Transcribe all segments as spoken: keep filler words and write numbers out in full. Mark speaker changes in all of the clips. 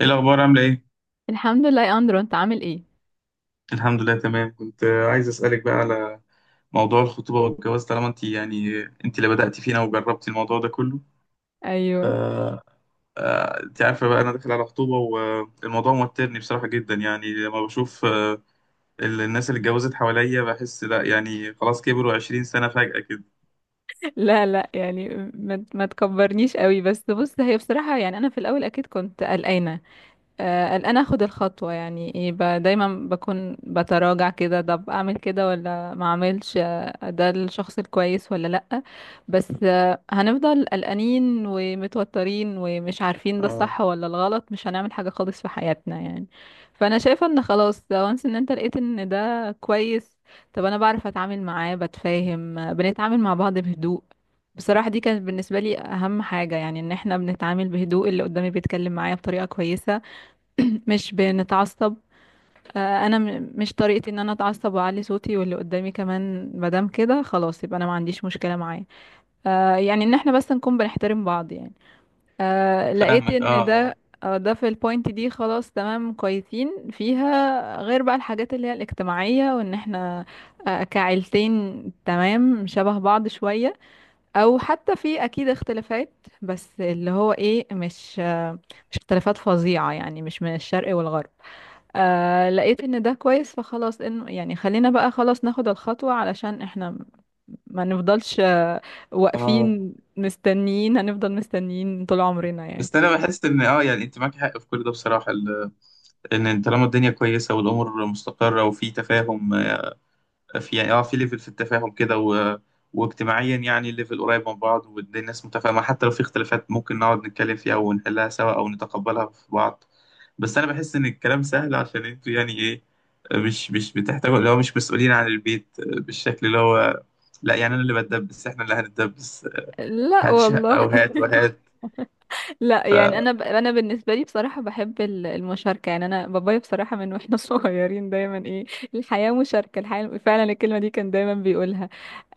Speaker 1: ايه الاخبار؟ عامله ايه؟
Speaker 2: الحمد لله يا اندرو، انت عامل ايه؟
Speaker 1: الحمد لله. تمام. كنت آه، عايز اسالك بقى على موضوع الخطوبه والجواز، طالما انت يعني آه، انت اللي بداتي فينا وجربتي الموضوع ده كله. ف
Speaker 2: ايوه.
Speaker 1: آه، انت عارفه بقى انا داخل على خطوبه، والموضوع موترني بصراحه جدا، يعني لما بشوف آه، ال- الناس اللي اتجوزت حواليا بحس لا، يعني خلاص كبروا عشرين سنة سنه فجاه كده.
Speaker 2: لا لا يعني ما ما تكبرنيش قوي. بس بص، هي بصراحه يعني انا في الاول اكيد كنت قلقانه. آه، قلقانة اخد الخطوة. يعني ايه، ب- دايما بكون بتراجع كده. طب اعمل كده ولا ما اعملش؟ آه، ده الشخص الكويس ولا لأ؟ بس آه، هنفضل قلقانين ومتوترين ومش عارفين ده
Speaker 1: اه،
Speaker 2: الصح ولا الغلط، مش هنعمل حاجة خالص في حياتنا يعني. فانا شايفة ان خلاص وانس ان انت لقيت ان ده كويس. طب انا بعرف اتعامل معاه بتفاهم، آه، بنتعامل مع بعض بهدوء. بصراحة دي كانت بالنسبة لي أهم حاجة، يعني إن احنا بنتعامل بهدوء، اللي قدامي بيتكلم معايا بطريقة كويسة. مش بنتعصب. آه، انا م- مش طريقتي ان انا اتعصب واعلي صوتي، واللي قدامي كمان مادام كده خلاص يبقى انا ما عنديش مشكله معاه. آه، يعني ان احنا بس نكون بنحترم بعض يعني. آه، لقيت
Speaker 1: فاهمك.
Speaker 2: ان
Speaker 1: اه اه
Speaker 2: ده آه، ده في البوينت دي خلاص تمام كويسين فيها. غير بقى الحاجات اللي هي الاجتماعيه، وان احنا آه، كعيلتين تمام شبه بعض شويه، او حتى في اكيد اختلافات، بس اللي هو ايه، مش آه، مش اختلافات فظيعه يعني، مش من الشرق والغرب. آه لقيت ان ده كويس، فخلاص انه يعني خلينا بقى خلاص ناخد الخطوة علشان احنا م- ما نفضلش آه،
Speaker 1: آه.
Speaker 2: واقفين مستنيين، هنفضل مستنيين طول عمرنا يعني.
Speaker 1: بس انا بحس ان اه يعني انت معاك حق في كل ده بصراحه، ال- ان طالما الدنيا كويسه والامور مستقره وفي تفاهم، في يعني اه في ليفل في التفاهم كده و... واجتماعيا، يعني الليفل قريب من بعض والناس متفاهمة، حتى لو في اختلافات ممكن نقعد نتكلم فيها ونحلها سوا أو نتقبلها في بعض. بس أنا بحس إن الكلام سهل، عشان انتوا يعني إيه، مش مش بتحتاجوا، اللي هو مش مسؤولين عن البيت بالشكل اللي هو، لا يعني أنا اللي بتدبس، إحنا اللي هنتدبس،
Speaker 2: لا
Speaker 1: هات شقة
Speaker 2: والله.
Speaker 1: وهات وهات.
Speaker 2: لا
Speaker 1: ف
Speaker 2: يعني انا ب... انا بالنسبه لي بصراحه بحب ال- المشاركه. يعني انا بابايا بصراحه من واحنا صغيرين دايما ايه، الحياه مشاركه، الحياه فعلا الكلمه دي كان دايما بيقولها.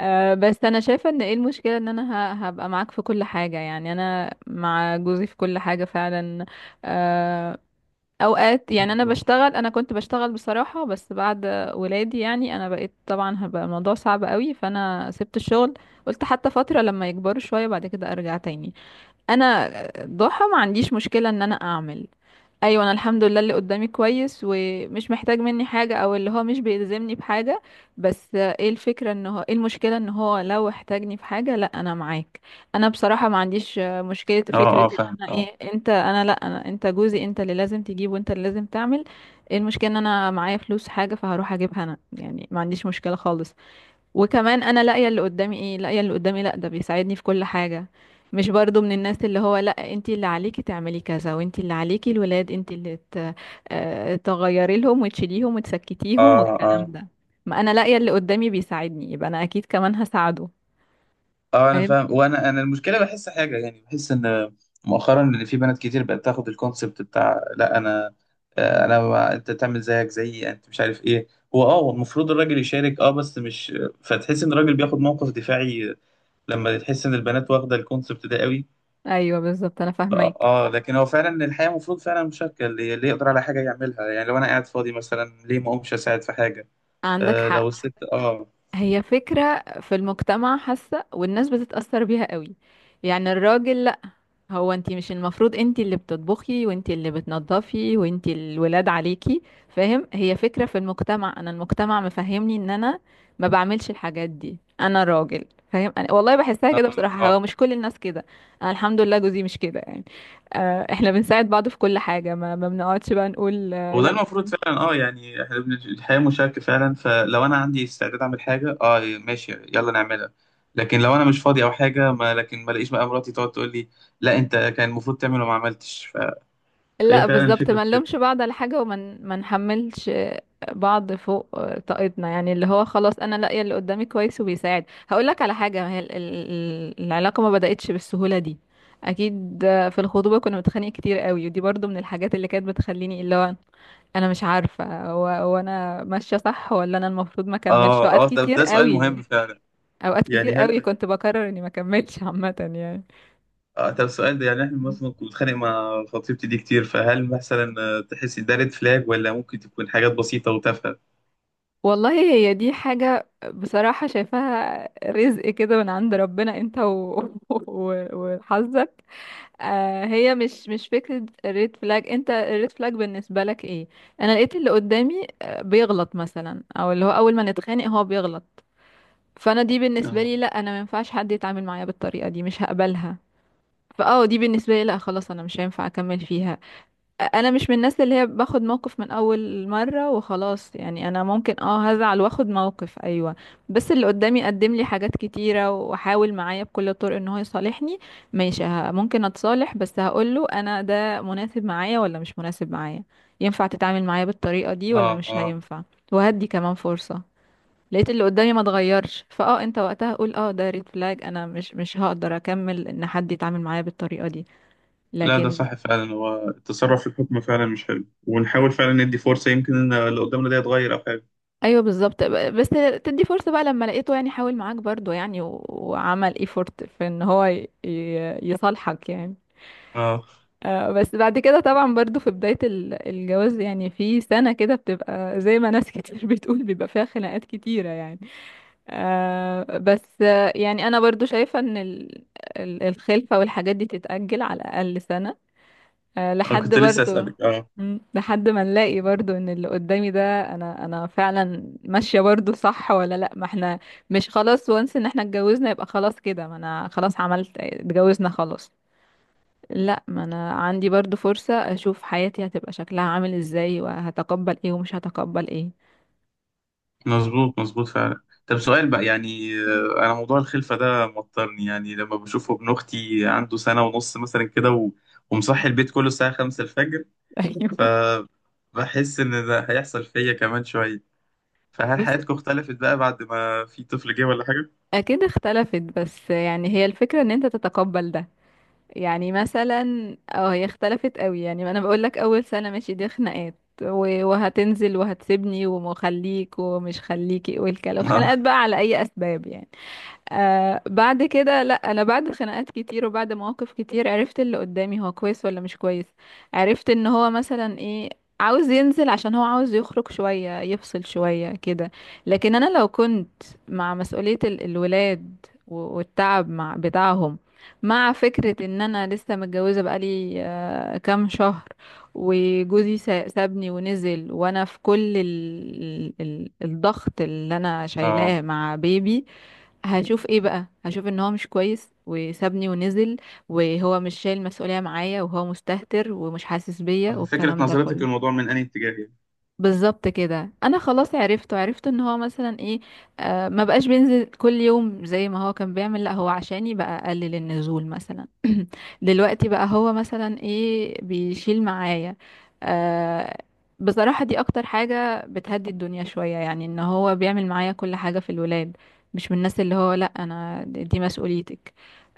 Speaker 2: آه بس انا شايفه ان ايه المشكله، ان انا ه... هبقى معاك في كل حاجه. يعني انا مع جوزي في كل حاجه فعلا. آه، اوقات يعني انا
Speaker 1: برافو.
Speaker 2: بشتغل، انا كنت بشتغل بصراحة، بس بعد ولادي يعني انا بقيت طبعا هبقى الموضوع صعب قوي، فانا سبت الشغل. قلت حتى فترة لما يكبروا شوية بعد كده ارجع تاني. انا ضحى ما عنديش مشكلة ان انا اعمل. ايوه انا الحمد لله اللي قدامي كويس ومش محتاج مني حاجة، او اللي هو مش بيلزمني بحاجة. بس ايه الفكرة؟ ان هو ايه المشكلة ان هو لو احتاجني في حاجة، لا انا معاك. انا بصراحة ما عنديش مشكلة
Speaker 1: اه، برافو.
Speaker 2: فكرة
Speaker 1: اه،
Speaker 2: ان
Speaker 1: فاهم.
Speaker 2: انا
Speaker 1: اه
Speaker 2: ايه، انت انا لا انا انت جوزي، انت اللي لازم تجيب وانت اللي لازم تعمل. ايه المشكلة ان انا معايا فلوس حاجة فهروح اجيبها انا، يعني ما عنديش مشكلة خالص. وكمان انا لاقيه اللي قدامي ايه، لاقيه اللي قدامي لا ده بيساعدني في كل حاجه. مش برضو من الناس اللي هو لا انتي اللي عليكي تعملي كذا، وانتي اللي عليكي الولاد، انتي اللي ت- آه، تغيري لهم وتشيليهم وتسكتيهم
Speaker 1: اه
Speaker 2: والكلام
Speaker 1: آه
Speaker 2: ده. ما انا لاقيه اللي قدامي بيساعدني، يبقى انا اكيد كمان هساعده.
Speaker 1: اه. انا
Speaker 2: فاهم.
Speaker 1: فاهم، وانا انا المشكله بحس حاجه يعني، بحس ان مؤخرا ان في بنات كتير بقت تاخد الكونسبت بتاع لا انا، آه، انا و- انت تعمل زيك زيي، انت مش عارف ايه، هو اه هو المفروض الراجل يشارك، اه بس مش فتحس ان الراجل بياخد موقف دفاعي لما تحس ان البنات واخده الكونسبت ده قوي.
Speaker 2: ايوه بالظبط، انا
Speaker 1: اه،
Speaker 2: فاهماك.
Speaker 1: آه، لكن هو فعلا الحياه المفروض فعلا مشاركه، اللي اللي يقدر على حاجه يعملها، يعني لو انا قاعد فاضي مثلا، ليه ما اقومش اساعد في حاجه.
Speaker 2: عندك
Speaker 1: آه لو
Speaker 2: حق.
Speaker 1: الست اه
Speaker 2: هي فكره في المجتمع حاسه، والناس بتتاثر بيها قوي. يعني الراجل، هو انتي مش المفروض انتي اللي بتطبخي وانتي اللي بتنظفي وانتي الولاد عليكي؟ فاهم. هي فكرة في المجتمع، انا المجتمع مفهمني ان انا ما بعملش الحاجات دي، انا راجل. فاهم. أنا والله بحسها
Speaker 1: اه
Speaker 2: كده بصراحة، هو
Speaker 1: آه.
Speaker 2: مش كل الناس كده. انا الحمد لله جوزي مش كده يعني. آه، احنا بنساعد بعض في كل حاجة، ما ما بنقعدش بقى نقول آه،
Speaker 1: وده
Speaker 2: لا.
Speaker 1: المفروض فعلا، اه، يعني احنا بن- الحياة مشاركة فعلا، فلو انا عندي استعداد اعمل حاجة، اه ماشي يلا نعملها، لكن لو انا مش فاضي او حاجة ما، لكن ما الاقيش بقى مراتي تقعد تقول لي لا، انت كان المفروض تعمل وما عملتش. ف... فهي
Speaker 2: لا
Speaker 1: فعلا
Speaker 2: بالظبط،
Speaker 1: الفكرة في
Speaker 2: ما
Speaker 1: كده.
Speaker 2: نلومش بعض على حاجة، وما ن- ما نحملش بعض فوق طاقتنا يعني. اللي هو خلاص انا لاقيه اللي قدامي كويس وبيساعد. هقول لك على حاجة، ما هي ال- ال- العلاقة ما بدأتش بالسهولة دي، اكيد. في الخطوبة كنا بنتخانق كتير قوي، ودي برضو من الحاجات اللي كانت بتخليني اللي هو انا مش عارفة، هو هو انا ماشية صح ولا انا المفروض ما اكملش.
Speaker 1: اه
Speaker 2: اوقات
Speaker 1: اه، ده,
Speaker 2: كتير
Speaker 1: ده سؤال
Speaker 2: قوي،
Speaker 1: مهم فعلا،
Speaker 2: اوقات كتير
Speaker 1: يعني
Speaker 2: قوي
Speaker 1: هل
Speaker 2: كنت بقرر اني ما اكملش عامة يعني.
Speaker 1: آه طب السؤال ده، يعني احنا مثلا كنت بتخانق مع خطيبتي دي كتير، فهل مثلا آه، تحسي ده ريد فلاج، ولا ممكن تكون حاجات بسيطة وتافهة؟
Speaker 2: والله هي دي حاجة بصراحة شايفاها رزق كده من عند ربنا انت و... و... وحظك. آه هي مش مش فكرة ريد فلاج. انت الريد فلاج بالنسبة لك ايه؟ انا لقيت اللي قدامي آه، بيغلط مثلا، او اللي هو اول ما نتخانق هو بيغلط. فانا دي بالنسبة
Speaker 1: اه
Speaker 2: لي لا، انا ما ينفعش حد يتعامل معايا بالطريقة دي، مش هقبلها. فاه دي بالنسبة لي لا خلاص، انا مش هينفع اكمل فيها. انا مش من الناس اللي هي باخد موقف من اول مرة وخلاص يعني، انا ممكن اه هزعل واخد موقف ايوه. بس اللي قدامي قدم لي حاجات كتيرة وحاول معايا بكل الطرق ان هو يصالحني. ماشي ه- ممكن اتصالح، بس هقول له انا ده مناسب معايا ولا مش مناسب معايا. ينفع تتعامل معايا بالطريقة دي
Speaker 1: اه
Speaker 2: ولا مش
Speaker 1: اه.
Speaker 2: هينفع؟ وهدي كمان فرصة. لقيت اللي قدامي ما اتغيرش، فاه انت وقتها قول اه ده ريد فلاج، انا مش مش هقدر اكمل ان حد يتعامل معايا بالطريقة دي.
Speaker 1: لا، ده
Speaker 2: لكن
Speaker 1: صح فعلا، هو التصرف في الحكم فعلا مش حلو، ونحاول فعلا ندي فرصة، يمكن ان اللي قدامنا ده يتغير او حاجة.
Speaker 2: ايوه بالظبط، ب- بس تدي فرصة بقى لما لقيته يعني حاول معاك برضو يعني، و- وعمل ايفورت في ان هو ي- ي- يصالحك يعني.
Speaker 1: اه،
Speaker 2: آه، بس بعد كده طبعا برضو في بداية ال- الجواز يعني، في سنة كده بتبقى زي ما ناس كتير بتقول بيبقى فيها خناقات كتيرة يعني. آه، بس آه، يعني انا برضو شايفة ان ال- ال- الخلفة والحاجات دي تتأجل على الاقل سنة، آه،
Speaker 1: انا
Speaker 2: لحد
Speaker 1: كنت لسه
Speaker 2: برضو
Speaker 1: اسألك. اه،
Speaker 2: مم، لحد ما نلاقي برضو ان اللي قدامي ده انا انا فعلا ماشية برضو صح ولا لا. ما احنا مش خلاص وانس ان احنا اتجوزنا يبقى خلاص كده. ما انا خلاص عملت اتجوزنا خلاص، لا، ما انا عندي برضو فرصة اشوف حياتي هتبقى شكلها عامل ازاي، وهتقبل ايه ومش هتقبل ايه.
Speaker 1: مظبوط مظبوط فعلا. طب سؤال بقى يعني
Speaker 2: مم.
Speaker 1: آه، انا موضوع الخلفة ده موترني، يعني لما بشوفه، ابن اختي عنده سنة ونص مثلا كده و... ومصحي البيت كله الساعة خمسة الفجر،
Speaker 2: ايوه.
Speaker 1: فبحس ان ده هيحصل فيا كمان شوية، فهل
Speaker 2: بص،
Speaker 1: حياتكم اختلفت بقى بعد ما في طفل جه ولا حاجة؟
Speaker 2: اكيد اختلفت، بس يعني هي الفكرة ان انت تتقبل ده. يعني مثلا اه هي اختلفت قوي يعني، ما انا بقول لك اول سنه ماشي دي خناقات، و- وهتنزل، وهتسيبني، ومخليك ومش خليكي، والكلام
Speaker 1: اه
Speaker 2: خناقات بقى على اي اسباب يعني. آه بعد كده لا انا بعد خناقات كتير وبعد مواقف كتير عرفت اللي قدامي هو كويس ولا مش كويس. عرفت ان هو مثلا ايه، عاوز ينزل عشان هو عاوز يخرج شوية يفصل شوية كده. لكن انا لو كنت مع مسؤولية ال- الولاد و- والتعب مع بتاعهم، مع فكرة ان انا لسه متجوزة بقالي آه كام شهر، وجوزي سا- سابني ونزل وانا في كل ال... ال... ال- الضغط اللي انا
Speaker 1: اه،
Speaker 2: شايلاه مع بيبي، هشوف ايه بقى؟ هشوف ان هو مش كويس وسابني ونزل، وهو مش شايل مسؤولية معايا، وهو مستهتر ومش حاسس بيا،
Speaker 1: فكرة
Speaker 2: والكلام ده
Speaker 1: نظرتك
Speaker 2: كله.
Speaker 1: للموضوع من أي اتجاه يعني؟
Speaker 2: بالظبط كده انا خلاص عرفته، عرفت ان هو مثلا ايه، آه ما بقاش بينزل كل يوم زي ما هو كان بيعمل، لا هو عشاني بقى اقلل النزول مثلا. دلوقتي بقى هو مثلا ايه، بيشيل معايا. آه بصراحة دي اكتر حاجة بتهدي الدنيا شوية يعني، ان هو بيعمل معايا كل حاجة في الولاد. مش من الناس اللي هو لا انا دي مسؤوليتك.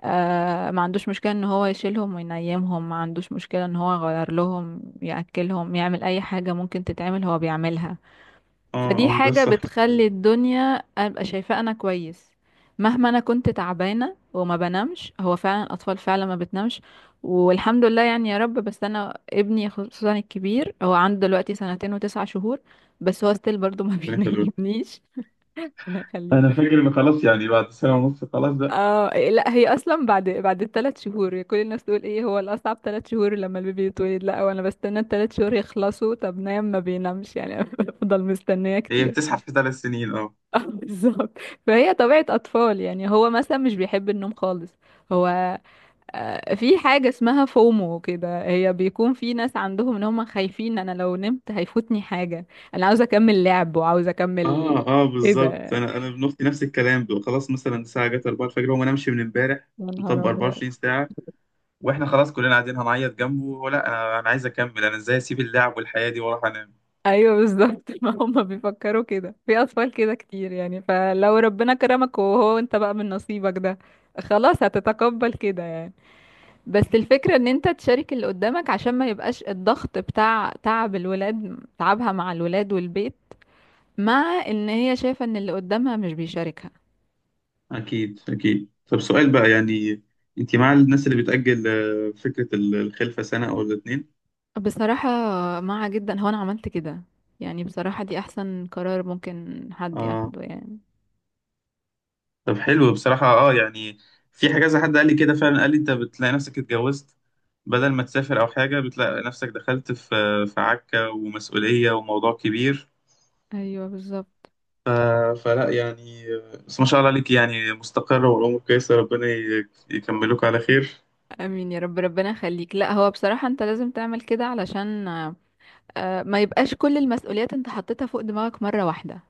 Speaker 2: آه ما عندوش مشكلة ان هو يشيلهم وينيمهم، ما عندوش مشكلة ان هو يغير لهم، يأكلهم، يعمل اي حاجة ممكن تتعمل هو بيعملها.
Speaker 1: اه
Speaker 2: فدي
Speaker 1: اه، ده
Speaker 2: حاجة
Speaker 1: الصح
Speaker 2: بتخلي
Speaker 1: صدقني.
Speaker 2: الدنيا ابقى شايفاه انا كويس. مهما انا كنت تعبانة وما بنامش، هو فعلا الاطفال فعلا ما بتنامش. والحمد لله يعني، يا رب. بس انا ابني خصوصا الكبير هو عنده دلوقتي سنتين وتسعة شهور، بس هو ستيل برضو ما
Speaker 1: ربنا يخليك.
Speaker 2: بينيمنيش. ربنا
Speaker 1: انا
Speaker 2: يخليك.
Speaker 1: فاكر ان خلاص، يعني بعد سنه ونص خلاص بقى.
Speaker 2: اه إيه، لا هي اصلا بعد بعد الثلاث شهور كل الناس تقول ايه، هو الاصعب ثلاث شهور لما البيبي يتولد. لا وانا بستنى الثلاث شهور يخلصوا، طب نايم؟ ما بينامش يعني. بفضل مستنيه
Speaker 1: هي
Speaker 2: كتير.
Speaker 1: بتزحف في ثلاث سنين، اه.
Speaker 2: اه بالظبط. فهي طبيعه اطفال يعني، هو مثلا مش بيحب النوم خالص، هو آه، في حاجه اسمها فومو كده، هي بيكون في ناس عندهم ان هم خايفين انا لو نمت هيفوتني حاجه، انا عاوزه اكمل لعب وعاوزه اكمل.
Speaker 1: اه اه
Speaker 2: ايه
Speaker 1: بالظبط،
Speaker 2: ده!
Speaker 1: انا انا ابن اختي نفس الكلام بقى. خلاص مثلا الساعه جت أربعة الفجر، هو ما نامش من امبارح،
Speaker 2: يا نهار
Speaker 1: مطبق
Speaker 2: ابيض.
Speaker 1: أربعة وعشرين ساعة ساعه، واحنا خلاص كلنا قاعدين هنعيط جنبه، ولا انا انا عايز اكمل، انا ازاي اسيب اللعب والحياه دي واروح انام؟
Speaker 2: ايوه بالظبط. ما هم بيفكروا كده في اطفال كده كتير يعني، فلو ربنا كرمك وهو انت بقى من نصيبك ده خلاص هتتقبل كده يعني. بس الفكرة ان انت تشارك اللي قدامك عشان ما يبقاش الضغط بتاع تعب الولاد، تعبها مع الولاد والبيت، مع ان هي شايفة ان اللي قدامها مش بيشاركها.
Speaker 1: اكيد اكيد. طب سؤال بقى يعني، انت مع الناس اللي بتأجل آه، فكره ال- الخلفه سنه او الاتنين؟
Speaker 2: بصراحة مع جدا، هو انا عملت كده. يعني بصراحة دي احسن قرار ممكن حد
Speaker 1: اه،
Speaker 2: ياخده يعني.
Speaker 1: طب حلو بصراحة، اه يعني في حاجة زي حد قال لي كده فعلا، قال لي انت بتلاقي نفسك اتجوزت بدل ما تسافر او حاجة، بتلاقي نفسك دخلت في في عكة ومسؤولية وموضوع كبير.
Speaker 2: ايوه بالظبط.
Speaker 1: ف... فلا يعني، بس ما شاء الله عليك يعني، مستقرة والامور كويسة، ربنا ي- يكملوك على خير.
Speaker 2: امين يا رب، ربنا يخليك. لا هو بصراحة انت لازم تعمل كده علشان آه، ما يبقاش كل المسؤوليات انت حطيتها فوق دماغك مرة واحدة.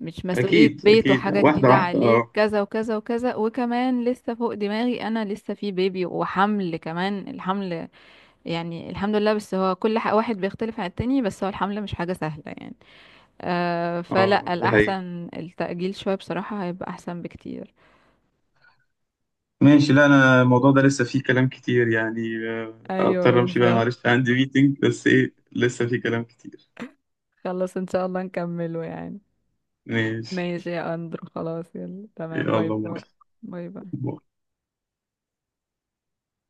Speaker 2: مش مسؤولية
Speaker 1: اكيد
Speaker 2: بيت،
Speaker 1: اكيد
Speaker 2: وحاجة
Speaker 1: واحدة
Speaker 2: جديدة
Speaker 1: واحدة.
Speaker 2: عليك
Speaker 1: اه،
Speaker 2: كذا وكذا وكذا، وكمان لسه فوق دماغي انا لسه في بيبي، وحمل كمان، الحمل يعني الحمد لله. بس هو كل ح- واحد بيختلف عن التاني، بس هو الحمل مش حاجة سهلة يعني. آه، فلا،
Speaker 1: اه دي حقيقة.
Speaker 2: الأحسن التأجيل شوية بصراحة، هيبقى أحسن بكتير.
Speaker 1: ماشي. لا انا الموضوع ده لسه فيه كلام كتير، يعني آه، اضطر
Speaker 2: ايوه
Speaker 1: امشي بقى،
Speaker 2: بالظبط.
Speaker 1: معلش عندي ميتنج، بس ايه لسه فيه كلام كتير.
Speaker 2: خلاص ان شاء الله نكمله يعني.
Speaker 1: ماشي،
Speaker 2: ماشي يا أندرو، خلاص يلا، تمام، باي
Speaker 1: يلا
Speaker 2: باي.
Speaker 1: ماشي.
Speaker 2: باي باي.